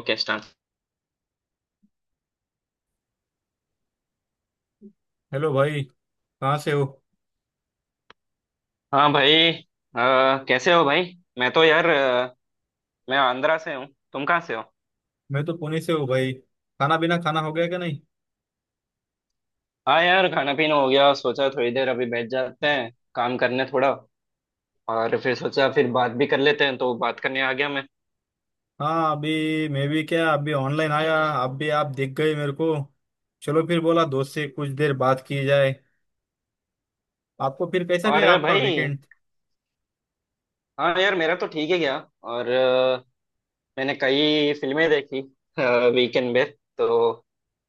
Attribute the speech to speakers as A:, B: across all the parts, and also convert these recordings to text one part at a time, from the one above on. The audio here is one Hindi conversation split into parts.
A: Okay start.
B: हेलो भाई। कहाँ से हो?
A: हाँ भाई, कैसे हो भाई। मैं तो यार अ, मैं आंध्रा से हूँ। तुम कहाँ से हो?
B: मैं तो पुणे से हूँ भाई। खाना बिना खाना हो गया क्या नहीं?
A: हाँ यार, खाना पीना हो गया, सोचा थोड़ी देर अभी बैठ जाते हैं काम करने थोड़ा, और फिर सोचा फिर बात भी कर लेते हैं तो बात करने आ गया मैं।
B: हाँ अभी मैं भी क्या, अभी ऑनलाइन आया। अभी आप दिख गए मेरे को। चलो फिर बोला दोस्त से कुछ देर बात की जाए। आपको फिर कैसा
A: और
B: गया आपका
A: भाई,
B: वीकेंड?
A: हाँ यार मेरा तो ठीक है गया। और मैंने कई फिल्में देखी वीकेंड में, तो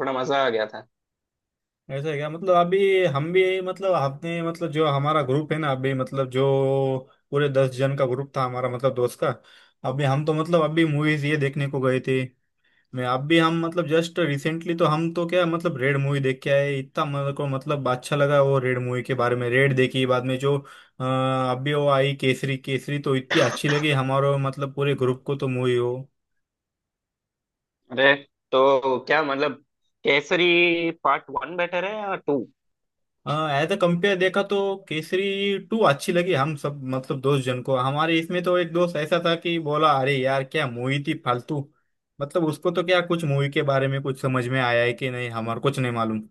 A: थोड़ा मजा आ गया था।
B: ऐसा है क्या? मतलब अभी हम भी मतलब आपने मतलब जो हमारा ग्रुप है ना, अभी मतलब जो पूरे 10 जन का ग्रुप था हमारा, मतलब दोस्त का। अभी हम तो मतलब अभी मूवीज ये देखने को गए थे। मैं आप भी हम मतलब जस्ट रिसेंटली तो हम तो क्या मतलब रेड मूवी देख के आए। इतना मेरे को मतलब अच्छा लगा वो रेड मूवी के बारे में। रेड देखी, बाद में जो अभी वो आई केसरी। केसरी तो इतनी अच्छी लगी हमारे मतलब पूरे ग्रुप को तो मूवी हो।
A: अरे, तो क्या मतलब, केसरी पार्ट वन बेटर है या टू?
B: एज अ कंपेयर देखा तो केसरी टू अच्छी लगी हम सब मतलब दोस्त जन को हमारे। इसमें तो एक दोस्त ऐसा था कि बोला अरे यार क्या मूवी थी फालतू। मतलब उसको तो क्या कुछ मूवी के बारे में कुछ समझ में आया है कि नहीं, हमारे कुछ नहीं मालूम।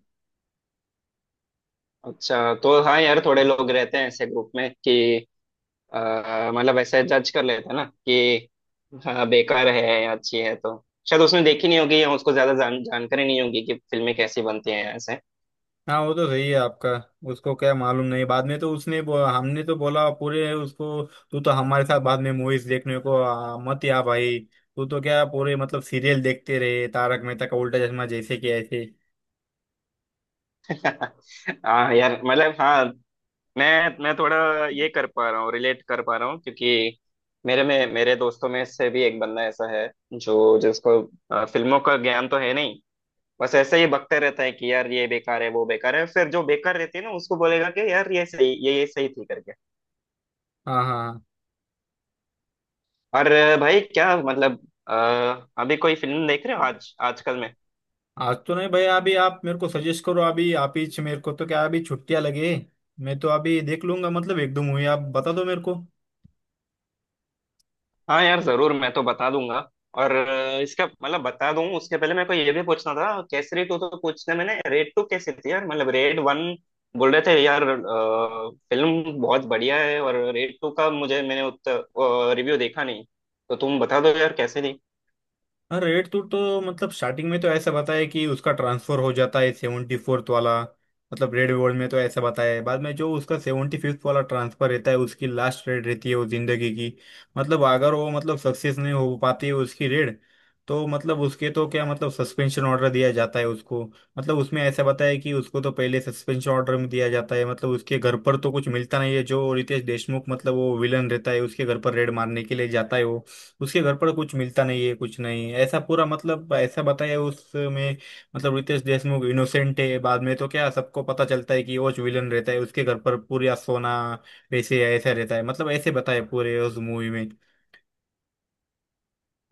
A: अच्छा, तो हाँ यार, थोड़े लोग रहते हैं ऐसे ग्रुप में कि अ, मतलब ऐसे जज कर लेते हैं ना कि हाँ बेकार है या अच्छी है। तो शायद उसने देखी नहीं होगी, या उसको ज्यादा जानकारी नहीं होगी कि फिल्में कैसी बनती हैं ऐसे।
B: हाँ वो तो सही है आपका। उसको क्या मालूम नहीं। बाद में तो उसने हमने तो बोला पूरे उसको, तू तो हमारे साथ बाद में मूवीज देखने को मत या भाई। तू तो क्या पूरे मतलब सीरियल देखते रहे तारक मेहता का उल्टा चश्मा जैसे कि ऐसे।
A: हाँ यार मतलब, हाँ मैं थोड़ा ये कर पा रहा हूँ रिलेट कर पा रहा हूँ, क्योंकि मेरे दोस्तों में से भी एक बंदा ऐसा है जो जिसको फिल्मों का ज्ञान तो है नहीं, बस ऐसे ही बकते रहता है कि यार ये बेकार है वो बेकार है, फिर जो बेकार रहती है ना उसको बोलेगा कि यार ये सही ये सही थी करके।
B: हाँ हाँ हाँ।
A: और भाई क्या मतलब, अ, अभी कोई फिल्म देख रहे हो आज आजकल में?
B: आज तो नहीं भैया। अभी आप मेरे को सजेस्ट करो, अभी आप ही मेरे को तो क्या, अभी छुट्टियां लगे मैं तो अभी देख लूंगा। मतलब एक दो मूवी आप बता दो मेरे को।
A: हाँ यार जरूर, मैं तो बता दूंगा। और इसका मतलब बता दूं, उसके पहले मेरे को ये भी पूछना था, केसरी टू तो पूछना, मैंने रेड टू कैसी थी यार, मतलब रेड वन बोल रहे थे यार, फिल्म बहुत बढ़िया है, और रेड टू का मुझे मैंने उतना रिव्यू देखा नहीं, तो तुम बता दो यार कैसे थी।
B: हाँ रेड टू तो मतलब स्टार्टिंग में तो ऐसा बताया कि उसका ट्रांसफर हो जाता है 74th वाला। मतलब रेड वर्ल्ड में तो ऐसा बताया है, बाद में जो उसका 75th वाला ट्रांसफर रहता है उसकी लास्ट रेड रहती है वो जिंदगी की। मतलब अगर वो मतलब सक्सेस नहीं हो पाती है उसकी रेड, तो मतलब उसके तो क्या मतलब सस्पेंशन ऑर्डर दिया जाता है उसको। मतलब उसमें ऐसा बताया है कि उसको तो पहले सस्पेंशन ऑर्डर में दिया जाता है। मतलब उसके घर पर तो कुछ मिलता नहीं है। जो रितेश देशमुख मतलब वो विलन रहता है उसके घर पर रेड मारने के लिए जाता है वो, उसके घर पर कुछ मिलता नहीं है, कुछ नहीं ऐसा पूरा मतलब ऐसा बताया उसमें। मतलब रितेश देशमुख इनोसेंट है। बाद में तो क्या सबको पता चलता है कि वो विलन रहता है उसके घर पर। पूरा सोना, पैसे ऐसा रहता है मतलब ऐसे बताया पूरे उस मूवी में।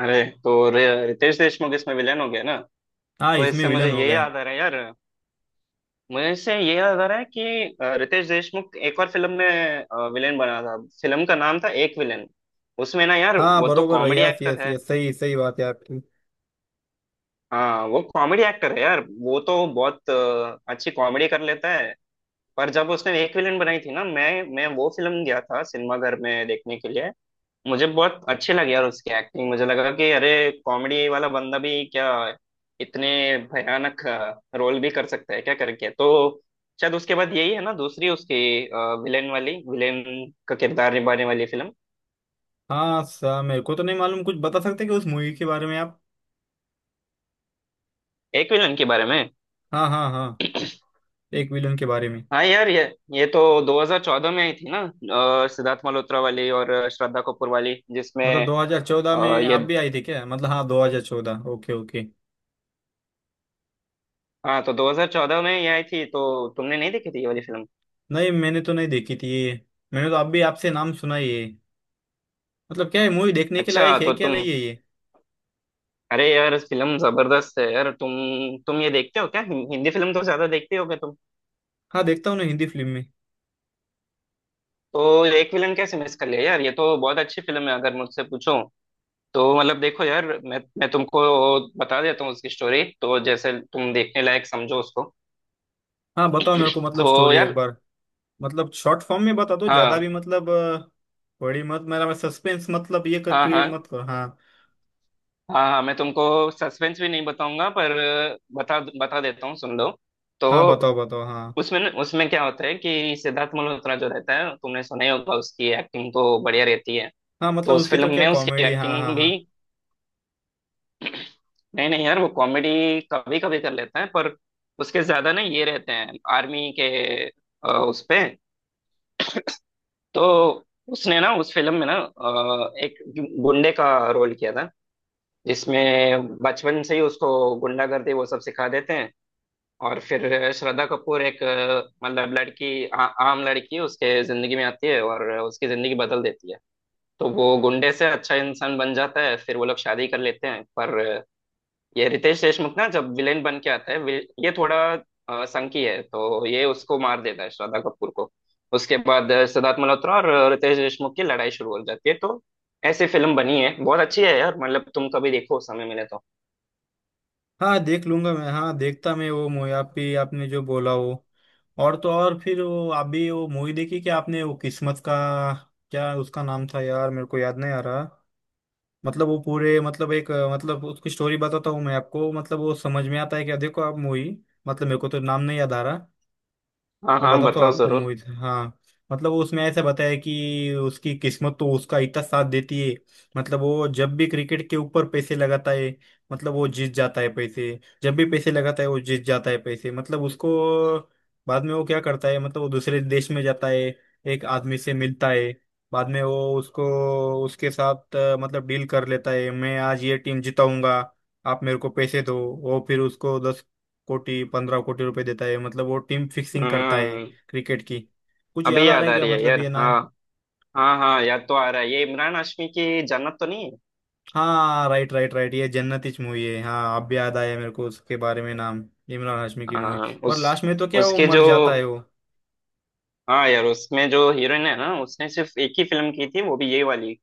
A: अरे, तो रितेश देशमुख इसमें विलेन हो गया ना।
B: हाँ
A: तो
B: इसमें
A: इससे मुझे
B: विलन हो
A: ये
B: गए।
A: याद आ रहा है यार, मुझे इससे ये याद आ रहा है कि अ, रितेश देशमुख एक और फिल्म में विलेन बना था। फिल्म का नाम था एक विलेन। उसमें ना यार,
B: हाँ
A: वो तो
B: बरोबर,
A: कॉमेडी
B: यस,
A: एक्टर
B: यस,
A: है।
B: यस, सही सही बात है आपकी।
A: हाँ वो कॉमेडी एक्टर है यार, वो तो बहुत अच्छी कॉमेडी कर लेता है। पर जब उसने एक विलेन बनाई थी ना, मैं वो फिल्म गया था सिनेमा घर में देखने के लिए। मुझे बहुत अच्छी लगी यार उसकी एक्टिंग। मुझे लगा कि अरे, कॉमेडी वाला बंदा भी क्या इतने भयानक रोल भी कर सकता है क्या करके। तो शायद उसके बाद यही है ना दूसरी उसकी विलेन का किरदार निभाने वाली फिल्म।
B: हाँ सा मेरे को तो नहीं मालूम, कुछ बता सकते हैं कि उस मूवी के बारे में आप?
A: एक विलन के बारे में,
B: हाँ हाँ हाँ, एक विलन के बारे में।
A: हाँ यार ये तो 2014 में आई थी ना। सिद्धार्थ मल्होत्रा वाली और श्रद्धा कपूर वाली जिसमें।
B: मतलब 2014
A: अ,
B: में
A: ये
B: आप भी आई थी क्या? मतलब हाँ 2014 ओके ओके।
A: हाँ तो 2014 में ये आई थी, तो तुमने नहीं देखी थी ये वाली फिल्म?
B: नहीं मैंने तो नहीं देखी थी ये। मैंने तो अब भी आपसे नाम सुना ही है। मतलब क्या है मूवी देखने के
A: अच्छा,
B: लायक है
A: तो
B: क्या
A: तुम,
B: नहीं है ये?
A: अरे यार फिल्म जबरदस्त है यार। तुम ये देखते हो क्या, हिंदी फिल्म तो ज्यादा देखते होगे तुम।
B: हाँ देखता हूँ ना हिंदी फिल्म में।
A: तो एक विलन कैसे मिस कर लिया यार? ये तो बहुत अच्छी फिल्म है अगर मुझसे पूछो तो। मतलब देखो यार, मैं तुमको बता देता हूँ उसकी स्टोरी, तो जैसे तुम देखने लायक समझो उसको।
B: हाँ बताओ मेरे को मतलब
A: तो
B: स्टोरी एक
A: यार,
B: बार। मतलब शॉर्ट फॉर्म में बता दो, ज्यादा भी
A: हाँ
B: मतलब बड़ी मत मेरा मैं सस्पेंस मतलब ये कर
A: हाँ
B: क्रिएट
A: हाँ,
B: मत करो हाँ।
A: हाँ हाँ, मैं तुमको सस्पेंस भी नहीं बताऊंगा, पर बता बता देता हूँ, सुन लो। तो
B: हाँ बताओ, बताओ, हाँ।
A: उसमें, उसमें क्या होता है कि सिद्धार्थ मल्होत्रा जो रहता है, तुमने सुना ही होगा उसकी एक्टिंग तो बढ़िया रहती है।
B: हाँ
A: तो
B: मतलब
A: उस
B: उसकी
A: फिल्म
B: तो क्या
A: में उसकी
B: कॉमेडी, हाँ हाँ
A: एक्टिंग
B: हाँ।
A: भी, नहीं नहीं यार वो कॉमेडी कभी कभी कर लेता है, पर उसके ज्यादा ना ये रहते हैं आर्मी के उस पे। तो उसने ना उस फिल्म में ना, एक गुंडे का रोल किया था, जिसमें बचपन से ही उसको गुंडागर्दी वो सब सिखा देते हैं। और फिर श्रद्धा कपूर, एक मतलब लड़की, आम लड़की उसके जिंदगी में आती है और उसकी जिंदगी बदल देती है। तो वो गुंडे से अच्छा इंसान बन जाता है, फिर वो लोग शादी कर लेते हैं। पर ये रितेश देशमुख ना जब विलेन बन के आता है, ये थोड़ा संकी है, तो ये उसको मार देता है, श्रद्धा कपूर को। उसके बाद सिद्धार्थ मल्होत्रा और रितेश देशमुख की लड़ाई शुरू हो जाती है। तो ऐसी फिल्म बनी है, बहुत अच्छी है यार, मतलब तुम कभी देखो समय मिले तो।
B: हाँ देख लूंगा मैं, हाँ देखता मैं वो मूवी आप भी आपने जो बोला वो। और तो और फिर वो आप भी वो मूवी देखी क्या आपने? वो किस्मत का क्या उसका नाम था यार? मेरे को याद नहीं आ रहा। मतलब वो पूरे मतलब एक मतलब उसकी स्टोरी बताता हूँ मैं आपको, मतलब वो समझ में आता है कि देखो आप मूवी। मतलब मेरे को तो नाम नहीं याद आ रहा।
A: हाँ
B: मैं
A: हाँ,
B: बता तो
A: बताओ
B: आपको
A: जरूर।
B: मूवी हाँ। मतलब वो उसमें ऐसा बताया कि उसकी किस्मत तो उसका इतना साथ देती है। मतलब वो जब भी क्रिकेट के ऊपर पैसे लगाता है मतलब वो जीत जाता है पैसे। जब भी पैसे लगाता है वो जीत जाता है पैसे मतलब उसको। बाद में वो क्या करता है, मतलब वो दूसरे देश में जाता है, एक आदमी से मिलता है। बाद में वो उसको उसके साथ मतलब डील कर लेता है, मैं आज ये टीम जिताऊंगा, आप मेरे को पैसे दो। वो फिर उसको 10 कोटी 15 कोटी रुपए देता है मतलब वो टीम फिक्सिंग करता है
A: हम्म।
B: क्रिकेट की। कुछ याद
A: अभी
B: आ रहा
A: याद
B: है
A: आ
B: क्या
A: रही है
B: मतलब
A: यार,
B: ये नाम?
A: हाँ हाँ हाँ, याद तो आ रहा है, ये इमरान हाशमी की जन्नत तो नहीं है?
B: हाँ राइट राइट राइट, ये जन्नत इच मूवी है हाँ। अब याद आया मेरे को उसके बारे में नाम। इमरान हाशमी की मूवी।
A: हाँ,
B: और
A: उस
B: लास्ट में तो क्या वो
A: उसके
B: मर
A: जो
B: जाता है वो।
A: हाँ यार उसमें जो हीरोइन है ना, उसने सिर्फ एक ही फिल्म की थी, वो भी ये वाली।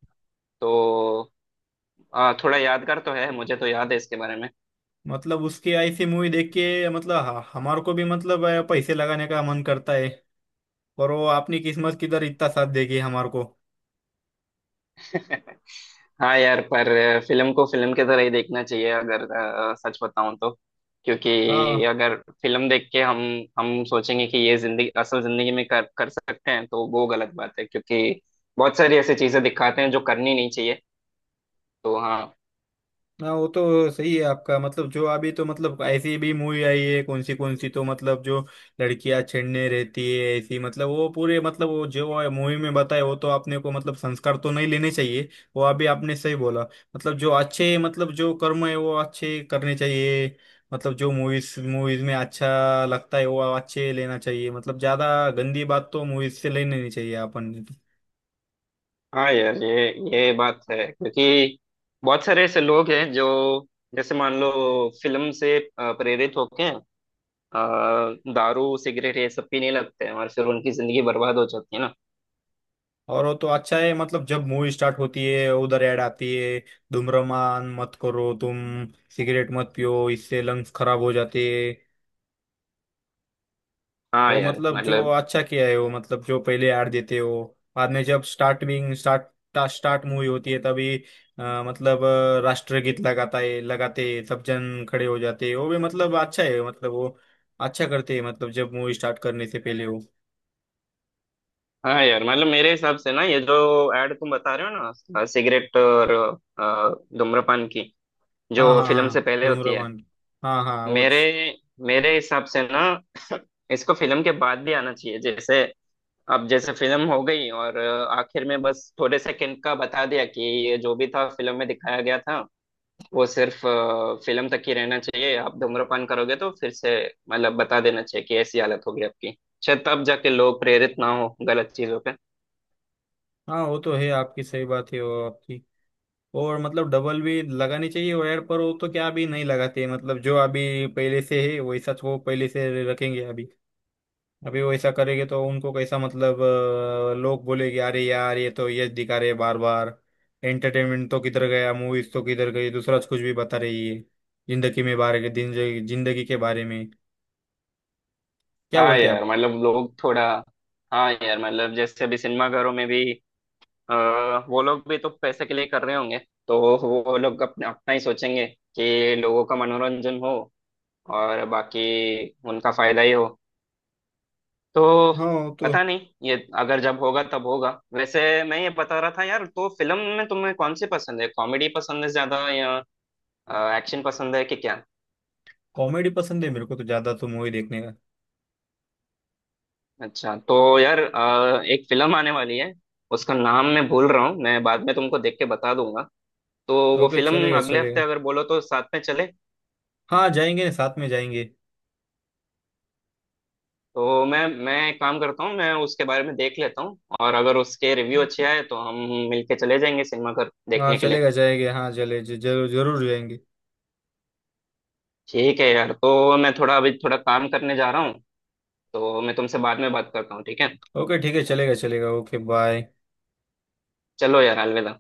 A: तो थोड़ा यादगार तो है, मुझे तो याद है इसके बारे में।
B: मतलब उसकी ऐसी मूवी देख के मतलब हमारे को भी मतलब पैसे लगाने का मन करता है। और वो अपनी किस्मत किधर इतना साथ देगी हमारे को।
A: हाँ यार, पर फिल्म को फिल्म की तरह ही देखना चाहिए, अगर सच बताऊं तो। क्योंकि
B: हाँ
A: अगर फिल्म देख के हम सोचेंगे कि ये जिंदगी असल जिंदगी में कर कर सकते हैं तो वो गलत बात है, क्योंकि बहुत सारी ऐसी चीजें दिखाते हैं जो करनी नहीं चाहिए। तो हाँ।
B: हाँ वो तो सही है आपका। मतलब जो अभी तो मतलब ऐसी भी मूवी आई है कौन सी कौन सी, तो मतलब जो लड़कियां छेड़ने रहती है ऐसी, मतलब वो पूरे मतलब वो जो मूवी में बताए वो तो आपने को मतलब संस्कार तो नहीं लेने चाहिए। वो अभी आपने सही बोला। मतलब जो अच्छे मतलब जो कर्म है वो अच्छे करने चाहिए। मतलब जो मूवीज मूवीज में अच्छा लगता है वो अच्छे लेना चाहिए। मतलब ज्यादा गंदी बात तो मूवीज से लेनी नहीं चाहिए अपन।
A: हाँ यार ये बात है, क्योंकि बहुत सारे ऐसे लोग हैं जो, जैसे मान लो, फिल्म से प्रेरित होके दारू सिगरेट ये सब पीने लगते हैं और फिर उनकी जिंदगी बर्बाद हो जाती है ना।
B: और वो तो अच्छा है मतलब जब मूवी स्टार्ट होती है उधर ऐड आती है। धूम्रपान मत करो तुम, सिगरेट मत पियो, इससे लंग्स खराब हो जाते हैं।
A: हाँ
B: वो
A: यार
B: मतलब जो
A: मतलब।
B: अच्छा किया है, वो मतलब जो पहले ऐड देते हो बाद में जब स्टार्ट मूवी होती है तभी मतलब राष्ट्रगीत लगाता है लगाते हैं, सब जन खड़े हो जाते हैं। वो भी मतलब अच्छा है, मतलब वो अच्छा करते हैं, मतलब जब मूवी स्टार्ट करने से पहले वो।
A: हाँ यार मतलब मेरे हिसाब से ना, ये जो ऐड तुम बता रहे हो ना, सिगरेट और धूम्रपान की,
B: हाँ
A: जो
B: हाँ
A: फिल्म
B: हाँ,
A: से पहले होती है,
B: धूम्रपान। हाँ हाँ वो।
A: मेरे मेरे हिसाब से ना इसको फिल्म के बाद भी आना चाहिए। जैसे अब जैसे फिल्म हो गई और आखिर में बस थोड़े सेकंड का बता दिया कि ये जो भी था फिल्म में दिखाया गया था, वो सिर्फ फिल्म तक ही रहना चाहिए, आप धूम्रपान करोगे तो फिर से, मतलब बता देना चाहिए कि ऐसी हालत होगी आपकी, शायद तब जाके लोग प्रेरित ना हो गलत चीजों पे।
B: हाँ वो तो है आपकी सही बात है वो आपकी। और मतलब डबल भी लगानी चाहिए वायर पर। वो तो क्या अभी नहीं लगाते, मतलब जो अभी पहले से है वैसा तो वो पहले से रखेंगे अभी। अभी वैसा करेंगे तो उनको कैसा मतलब लोग बोलेंगे, अरे यार ये तो ये दिखा रहे बार बार। एंटरटेनमेंट तो किधर गया, मूवीज तो किधर गई, दूसरा कुछ भी बता रही है जिंदगी में बारे के जिंदगी जिंदगी के बारे में। क्या
A: हाँ
B: बोलते हैं
A: यार
B: आप?
A: मतलब लोग थोड़ा, हाँ यार मतलब जैसे अभी सिनेमाघरों में भी अ, वो लोग भी तो पैसे के लिए कर रहे होंगे। तो वो लोग अपने अपना ही सोचेंगे कि लोगों का मनोरंजन हो और बाकी उनका फायदा ही हो। तो
B: हाँ वो तो
A: पता नहीं, ये अगर जब होगा तब होगा। वैसे मैं ये बता रहा था यार, तो फिल्म में तुम्हें कौन सी पसंद है, कॉमेडी पसंद है ज्यादा या एक्शन पसंद है कि क्या?
B: कॉमेडी पसंद है मेरे को तो ज्यादा तो मूवी देखने का।
A: अच्छा, तो यार एक फिल्म आने वाली है, उसका नाम मैं भूल रहा हूँ, मैं बाद में तुमको देख के बता दूंगा। तो वो
B: ओके
A: फिल्म
B: चलेगा
A: अगले हफ्ते
B: चलेगा।
A: अगर बोलो तो साथ में चले।
B: हाँ जाएंगे साथ में जाएंगे।
A: तो मैं एक काम करता हूँ, मैं उसके बारे में देख लेता हूँ और अगर उसके रिव्यू अच्छे आए तो हम मिलके चले जाएंगे सिनेमा घर
B: हाँ
A: देखने के लिए।
B: चलेगा, जाएंगे, हाँ चले जरूर जरूर जाएंगे।
A: ठीक है यार, तो मैं थोड़ा काम करने जा रहा हूँ, तो मैं तुमसे बाद में बात करता हूँ, ठीक है।
B: ओके ठीक है चलेगा चलेगा ओके बाय।
A: चलो यार, अलविदा।